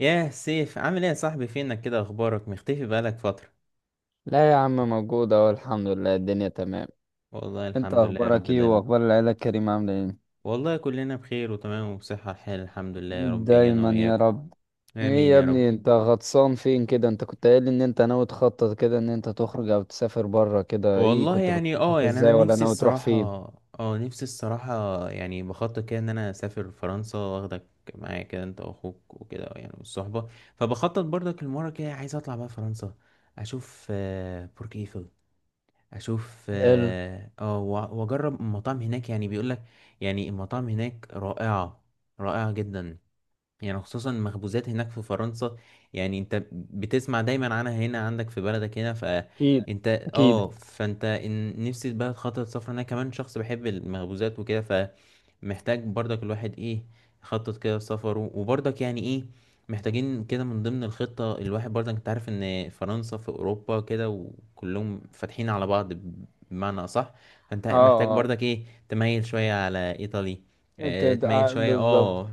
ياه سيف، عامل ايه يا صاحبي؟ فينك كده؟ اخبارك مختفي بقالك فترة. لا يا عم، موجود اهو، الحمد لله الدنيا تمام. والله انت الحمد لله يا رب اخبارك ايه؟ دايما. واخبار العيلة الكريمة عاملة ايه؟ والله كلنا بخير وتمام وبصحة الحال، الحمد لله، يا رب انا دايما يا وياكم. رب. ايه امين يا يا رب. ابني، انت غطسان فين كده؟ انت كنت قايل ان انت ناوي تخطط كده ان انت تخرج او تسافر بره كده، ايه والله كنت يعني بتخطط يعني انا ازاي؟ ولا نفسي ناوي تروح الصراحة. فين؟ اه نفسي الصراحة، يعني بخطط كده ان انا اسافر فرنسا واخدك معايا كده، انت واخوك وكده، يعني والصحبة. فبخطط برضك المرة كده، عايز اطلع بقى فرنسا. اشوف برج ايفل. اشوف حلو. واجرب المطاعم هناك، يعني بيقولك، يعني المطاعم هناك رائعة. رائعة جدا. يعني خصوصا المخبوزات هناك في فرنسا. يعني انت بتسمع دايما عنها هنا عندك في بلدك هنا، اكيد فانت اه اكيد. فانت نفسي بقى خطوة سفر، انا كمان شخص بحب المخبوزات وكده. فمحتاج برضك الواحد ايه، يخطط كده سفره، وبرضك يعني ايه، محتاجين كده من ضمن الخطة، الواحد برضك انت عارف ان فرنسا في اوروبا كده، وكلهم فاتحين على بعض، بمعنى اصح. فانت اه محتاج اه. برضك ايه، تميل شوية على ايطالي. انت اه أنت- تميل آه، شوية اه بالظبط.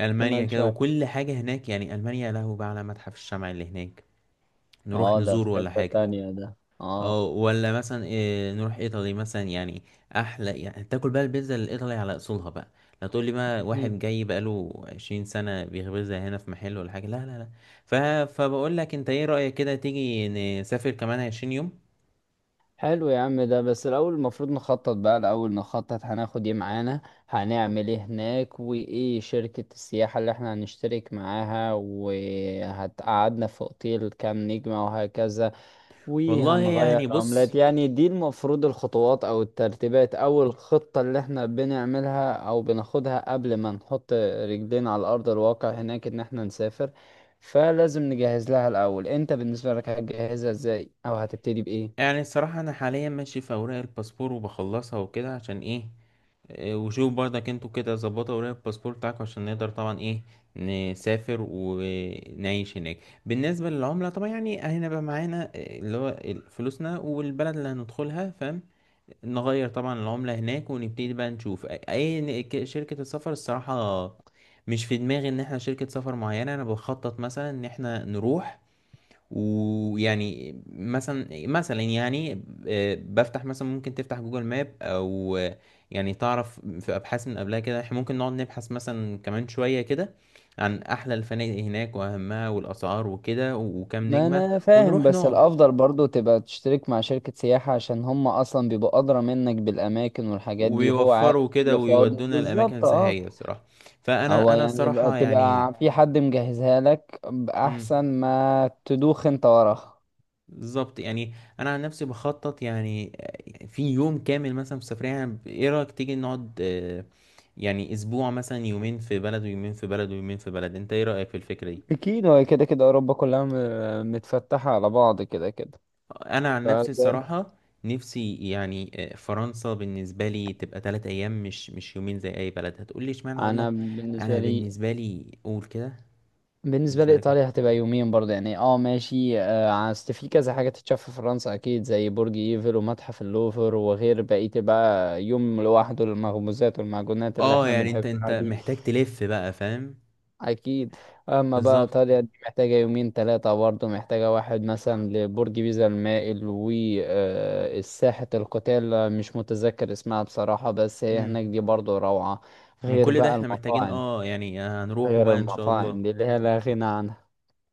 ألمانيا كمان كده شوية. وكل حاجة هناك، يعني ألمانيا له بقى على متحف الشمع اللي هناك، نروح اه، ده في نزوره ولا حتة حاجة. تانية ده، اه. أو ولا مثلا إيه نروح إيطالي مثلا، يعني أحلى، يعني تاكل بقى البيتزا الإيطالي على أصولها بقى. لا تقول لي بقى اكيد. واحد جاي بقاله 20 سنة بيخبزها هنا في محل ولا حاجة، لا لا لا. ف... فبقول لك، أنت إيه رأيك كده تيجي نسافر كمان 20 يوم؟ حلو يا عم، ده بس الأول المفروض نخطط. بقى الأول نخطط هناخد ايه معانا، هنعمل ايه هناك، وايه شركة السياحة اللي احنا هنشترك معاها، وهتقعدنا في اوتيل كام نجمة، وهكذا، والله وهنغير يعني عملات. بص، يعني دي المفروض الخطوات أو الترتيبات أو الخطة اللي احنا بنعملها أو بناخدها قبل ما نحط رجلينا على أرض الواقع هناك، إن احنا نسافر. فلازم نجهز لها الأول. انت بالنسبة لك هتجهزها ازاي، أو هتبتدي بإيه؟ يعني الصراحة أنا حاليا ماشي في أوراق الباسبور وبخلصها وكده، عشان إيه، وشوف برضك انتوا كده ظبطوا ورق الباسبور بتاعكم عشان نقدر طبعا ايه، نسافر ونعيش هناك. بالنسبة للعملة طبعا، يعني هنبقى معانا اللي هو فلوسنا، والبلد اللي هندخلها فاهم. نغير طبعا العملة هناك، ونبتدي بقى نشوف شركة السفر. الصراحة مش في دماغي ان احنا شركة سفر معينة، انا بخطط مثلا ان احنا نروح. ويعني مثلا يعني، بفتح مثلا، ممكن تفتح جوجل ماب او يعني تعرف، في ابحاث من قبلها كده، احنا ممكن نقعد نبحث مثلا كمان شوية كده عن احلى الفنادق هناك واهمها، والاسعار وكده، وكام ما نجمة. انا فاهم، ونروح بس نقعد، الافضل برضو تبقى تشترك مع شركة سياحة، عشان هم اصلا بيبقوا ادرى منك بالاماكن والحاجات دي، وهو عارف ويوفروا ايه كده اللي فاضي ويودونا الاماكن بالظبط، اه. السياحية بصراحة. فانا هو يعني يبقى الصراحة يعني. تبقى في حد مجهزها لك، مم. احسن ما تدوخ انت وراها. بالظبط يعني. انا عن نفسي بخطط يعني في يوم كامل مثلا في سفرية، يعني ايه رأيك تيجي نقعد يعني اسبوع مثلا، يومين في بلد ويومين في بلد ويومين في بلد، انت ايه رأيك في الفكرة دي؟ اكيد، هو كده كده اوروبا كلها متفتحة على بعض كده كده، انا عن نفسي فده. الصراحة، نفسي يعني، فرنسا بالنسبة لي تبقى 3 ايام، مش يومين زي اي بلد، هتقولي اشمعنى، اقول لك، انا بالنسبة انا لي، بالنسبة لي قول كده. بالنسبة بالنسبة لك ايه؟ لإيطاليا هتبقى يومين برضه، يعني اه ماشي، آه، أصل في كذا حاجة تتشاف في فرنسا، أكيد، زي برج إيفل ومتحف اللوفر، وغير بقية بقى يوم لوحده للمخبوزات والمعجونات اللي اه احنا يعني انت بنحبها دي. محتاج تلف بقى فاهم. أكيد. أما بقى بالظبط. إيطاليا دي محتاجة يومين تلاتة برضه، محتاجة واحد مثلا لبرج بيزا المائل وساحة القتال، مش متذكر اسمها بصراحة، بس هي امم. هناك دي برضه روعة. من غير كل ده بقى احنا محتاجين المطاعم، يعني هنروحه غير بقى ان شاء المطاعم الله. دي اللي هي لا غنى عنها.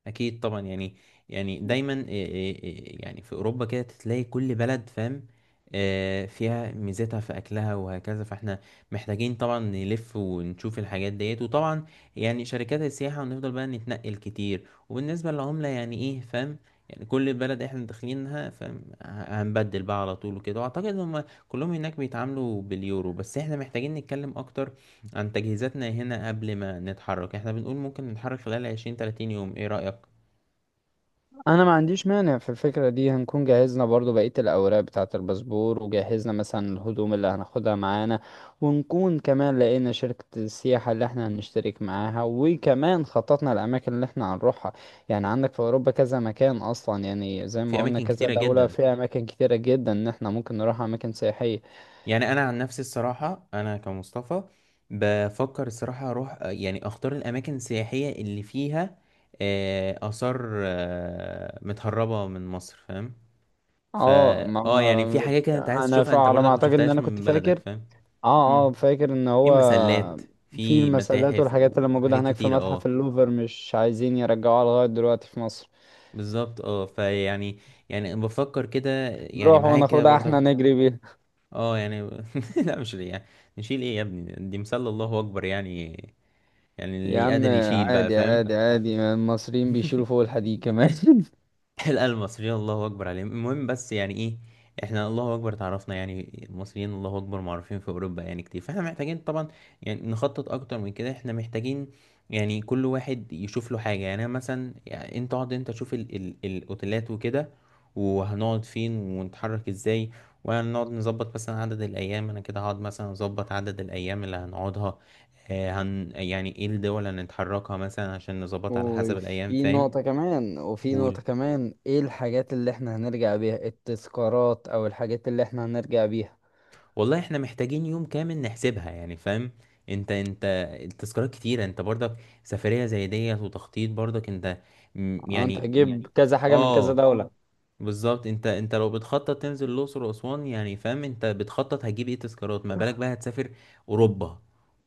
اكيد طبعا يعني، يعني دايما إيه- إيه- إيه يعني في اوروبا كده تلاقي كل بلد فاهم، فيها ميزتها في اكلها وهكذا، فاحنا محتاجين طبعا نلف ونشوف الحاجات ديت، وطبعا يعني شركات السياحة، ونفضل بقى نتنقل كتير، وبالنسبة للعملة يعني ايه فاهم، يعني كل بلد احنا داخلينها فاهم، هنبدل بقى على طول وكده، واعتقد هم كلهم هناك بيتعاملوا باليورو، بس احنا محتاجين نتكلم اكتر عن تجهيزاتنا هنا قبل ما نتحرك، احنا بنقول ممكن نتحرك خلال 20 30 يوم، ايه رأيك؟ انا ما عنديش مانع في الفكرة دي. هنكون جهزنا برضو بقية الاوراق بتاعة الباسبور، وجهزنا مثلا الهدوم اللي هناخدها معانا، ونكون كمان لقينا شركة السياحة اللي احنا هنشترك معاها، وكمان خططنا الاماكن اللي احنا هنروحها. يعني عندك في اوروبا كذا مكان اصلا، يعني زي في ما قلنا اماكن كذا كتيرة دولة جدا. فيها اماكن كتيرة جدا ان احنا ممكن نروح اماكن سياحية. يعني انا عن نفسي الصراحة، انا كمصطفى بفكر الصراحة اروح يعني اختار الاماكن السياحية اللي فيها اثار متهربة من مصر، فاهم. فا اه ما اه يعني في ما- حاجات كده انت عايز تشوفها، انت على ما برضك ما اعتقد ان شفتهاش انا كنت من بلدك فاكر، فاهم. اه مم. اه، فاكر ان في هو مسلات، في في المسلات متاحف، والحاجات اللي موجودة وحاجات هناك في كتيرة متحف اه اللوفر مش عايزين يرجعوها لغاية دلوقتي في مصر. بالظبط، فيعني، يعني بفكر كده، يعني نروح معايا كده وناخدها برضك. احنا، نجري بيها. اه يعني لا مش ليه يعني، نشيل ايه يا ابني، دي مسلة، الله اكبر يعني، يعني يا اللي عم، قادر يشيل بقى عادي فاهم. عادي عادي، المصريين بيشيلوا فوق الحديد كمان لا، المصريين الله اكبر عليهم، المهم بس يعني ايه، احنا الله اكبر تعرفنا، يعني المصريين الله اكبر معروفين في اوروبا يعني كتير، فاحنا محتاجين طبعا يعني نخطط اكتر من كده. احنا محتاجين يعني كل واحد يشوف له حاجه، يعني انا مثلا، يعني انت اقعد، انت شوف ال الاوتيلات وكده، وهنقعد فين ونتحرك ازاي، وهنقعد نظبط مثلا عدد الايام. انا كده هقعد مثلا اظبط عدد الايام اللي هنقعدها، آه، هن يعني ايه الدول اللي هنتحركها مثلا عشان نظبطها على حسب الايام وفي فاهم. نقطة كمان، وفي نقطة كمان، ايه الحاجات اللي احنا هنرجع بيها، التذكارات او الحاجات اللي احنا هنرجع بيها. والله احنا محتاجين يوم كامل نحسبها يعني فاهم. انت. التذكارات كتيرة، انت برضك سفرية زي ديت وتخطيط برضك، انت آه، انت يعني. هتجيب كذا حاجة من كذا اه دولة. بالظبط، انت لو بتخطط تنزل الأقصر وأسوان، يعني فاهم، انت بتخطط هتجيب ايه تذكارات، ما بالك بقى هتسافر أوروبا.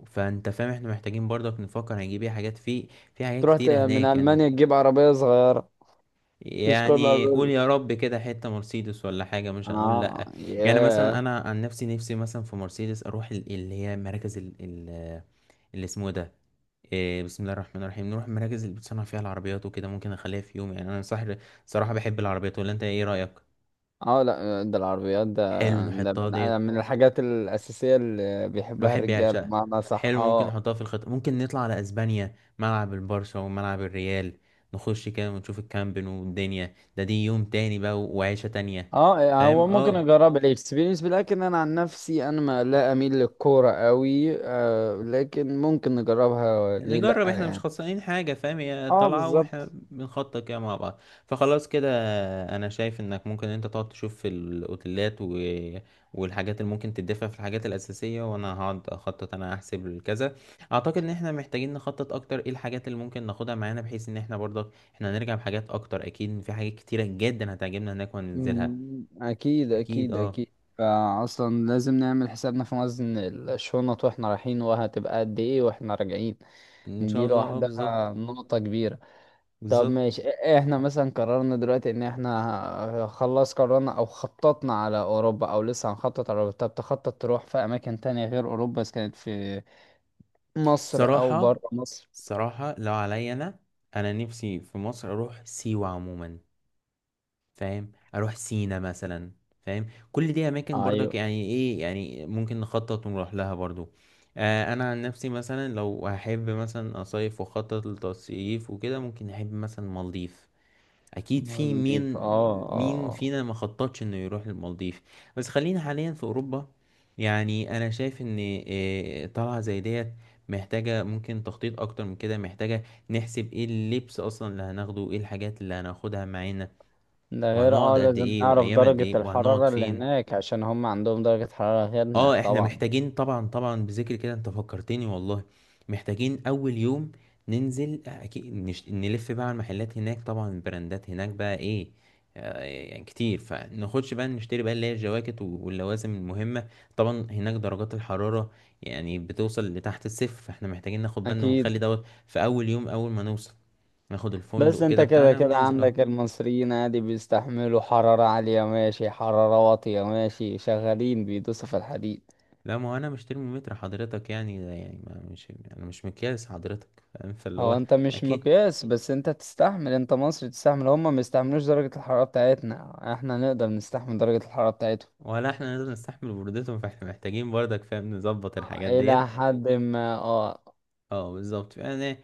فانت فاهم، احنا محتاجين برضك نفكر هنجيب ايه حاجات، في في حاجات تروح كتيرة من هناك يعني. ألمانيا تجيب عربية صغيرة، تذكار يعني قول العربية. يا رب كده حتة مرسيدس ولا حاجة، مش هنقول اه لأ. يعني مثلا ياه. أنا عن نفسي، مثلا في مرسيدس أروح اللي هي مراكز اللي اسمه ده، بسم الله الرحمن الرحيم، نروح المراكز اللي بتصنع فيها العربيات وكده، ممكن أخليها في يوم يعني. أنا صح، صراحة بحب العربيات، ولا أنت إيه رأيك؟ اه لا، آه، ده العربيات ده، حلو ده نحطها ديت. من الحاجات الأساسية اللي بيحبها الواحد الرجالة، بيعشقها. بمعنى صح، حلو، ممكن اه. نحطها في الخطة، ممكن نطلع على أسبانيا، ملعب البرشا وملعب الريال، نخش كده ونشوف الكامب نو والدنيا. ده دي يوم تاني بقى وعيشة تانية. اه آه، هو فاهم، ممكن اه، اجرب الاكسبيرينس، لكن انا عن نفسي انا ما لا اميل للكورة قوي آه، لكن ممكن نجربها، ليه لا نجرب، احنا مش يعني. خسرانين حاجة فاهم، هي اه طالعة واحنا بالظبط. بنخطط كده مع بعض. فخلاص كده، انا شايف انك ممكن انت تقعد تشوف في الاوتيلات والحاجات اللي ممكن تدفع في الحاجات الاساسية، وانا هقعد اخطط، انا احسب الكذا. اعتقد ان احنا محتاجين نخطط اكتر ايه الحاجات اللي ممكن ناخدها معانا، بحيث ان احنا برضك احنا هنرجع بحاجات اكتر، اكيد في حاجات كتيرة جدا هتعجبنا هناك وهننزلها. مم، اكيد اكيد اكيد اه. اكيد. فاصلا لازم نعمل حسابنا في وزن الشنط واحنا رايحين، وهتبقى قد ايه واحنا راجعين. ان شاء دي الله، بالظبط. لوحدها نقطة كبيرة. طب بالظبط. ماشي، احنا مثلا قررنا دلوقتي ان احنا خلاص قررنا او خططنا على اوروبا، او لسه هنخطط على اوروبا. طب تخطط تروح في اماكن تانية غير اوروبا، اذا كانت في مصر او صراحة. بره مصر؟ صراحة لو عليا أنا، أنا نفسي في مصر أروح سيوة عموما، فاهم، أروح سينا مثلا، فاهم كل دي أماكن برضك، ايوه. يعني إيه يعني ممكن نخطط ونروح لها برضو. أنا عن نفسي مثلا لو هحب مثلا أصيف وأخطط للتصيف وكده، ممكن أحب مثلا مالديف. اكيد، في المالديف اه. مين اه مين اه. فينا ما خططش انه يروح للمالديف؟ بس خلينا حاليا في اوروبا. يعني انا شايف ان طلعه زي ديت محتاجه، ممكن تخطيط اكتر من كده، محتاجه نحسب ايه اللبس اصلا اللي هناخده، ايه الحاجات اللي هناخدها معانا، ده غير اه وهنقعد قد لازم ايه، نعرف وايام قد درجة ايه، وهنقعد الحرارة اللي فين. هناك، عشان هم عندهم درجة حرارة غيرنا اه احنا طبعا. محتاجين، طبعا طبعا بذكر كده انت فكرتني والله. محتاجين اول يوم ننزل اكيد، نلف بقى على المحلات هناك، طبعا البراندات هناك بقى ايه، يعني كتير، فناخدش بقى نشتري بقى اللي هي الجواكت واللوازم المهمة. طبعا هناك درجات الحرارة يعني بتوصل لتحت الصفر، فاحنا محتاجين ناخد بالنا، اكيد. ونخلي دوت في اول يوم اول ما نوصل، ناخد بس الفندق انت كده كده بتاعنا كده وننزل اه عندك المصريين عادي بيستحملوا حرارة عالية ماشي، حرارة واطية ماشي، شغالين بيدوسوا في الحديد. لا، ما هو انا مش ترمومتر حضرتك يعني، ده يعني ما مش انا مش مقياس حضرتك فاهم، فاللي هو هو، انت مش اكيد، مقياس، بس انت تستحمل، انت مصري تستحمل. هما ما يستحملوش درجة الحرارة بتاعتنا، احنا نقدر نستحمل درجة الحرارة بتاعتهم ولا احنا نقدر نستحمل برودتهم، فاحنا محتاجين برضك فاهم نظبط الحاجات الى ديت. حد ما، اه. اه بالظبط، فانا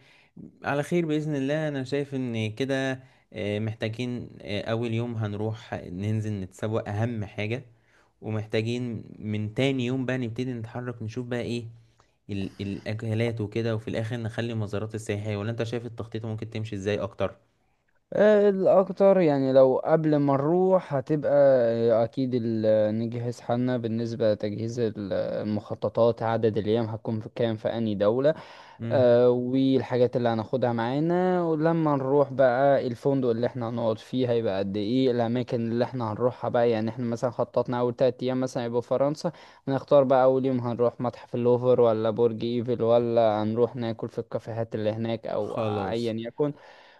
على خير بإذن الله. انا شايف ان كده محتاجين اول يوم هنروح ننزل نتسوق اهم حاجة، ومحتاجين من تاني يوم بقى نبتدي نتحرك نشوف بقى ايه الاكلات وكده، وفي الاخر نخلي مزارات السياحية، ولا انت شايف التخطيط ممكن تمشي ازاي اكتر؟ آه، الاكتر يعني لو قبل ما نروح هتبقى آه، اكيد نجهز حالنا بالنسبة لتجهيز المخططات، عدد الايام هتكون في كام في اني دولة، امم. آه، والحاجات اللي هناخدها معانا. ولما نروح بقى، الفندق اللي احنا هنقعد فيه هيبقى قد ايه، الاماكن اللي احنا هنروحها بقى، يعني احنا مثلا خططنا اول تلات ايام مثلا يبقوا في فرنسا، هنختار بقى اول يوم هنروح متحف اللوفر ولا برج ايفل، ولا هنروح ناكل في الكافيهات اللي هناك، او خلاص. ايا يكن،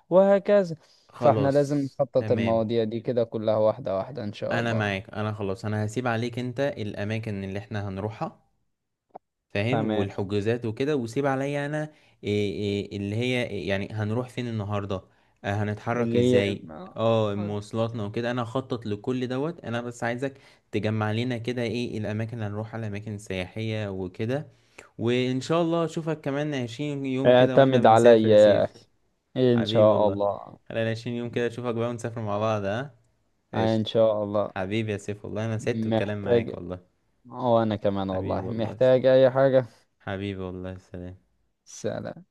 وهكذا. فاحنا لازم خلاص. نخطط تمام. المواضيع دي كده كلها واحدة واحدة ان شاء انا الله. معاك، انا خلاص، انا هسيب عليك انت الاماكن اللي احنا هنروحها فاهم، تمام. والحجوزات وكده، وسيب عليا انا إيه إيه اللي هي إيه يعني هنروح فين النهارده، هنتحرك اللي هي، ازاي، اه مواصلاتنا وكده. انا هخطط لكل دوت، انا بس عايزك تجمع لنا كده ايه الاماكن اللي هنروحها، الاماكن السياحية وكده. وان شاء الله اشوفك كمان 20 يوم كده واحنا اعتمد عليا بنسافر يا يا سيف. اخي، ان حبيبي شاء والله. الله. خلينا 20 يوم كده، اشوفك بقى ونسافر مع بعض، ها؟ آه، ان قشطة. شاء الله. حبيبي يا سيف، والله انا سعدت بالكلام معاك محتاج، والله. وانا كمان حبيبي والله، والله. محتاج اي حاجة. حبيبي والله، سلام. سلام.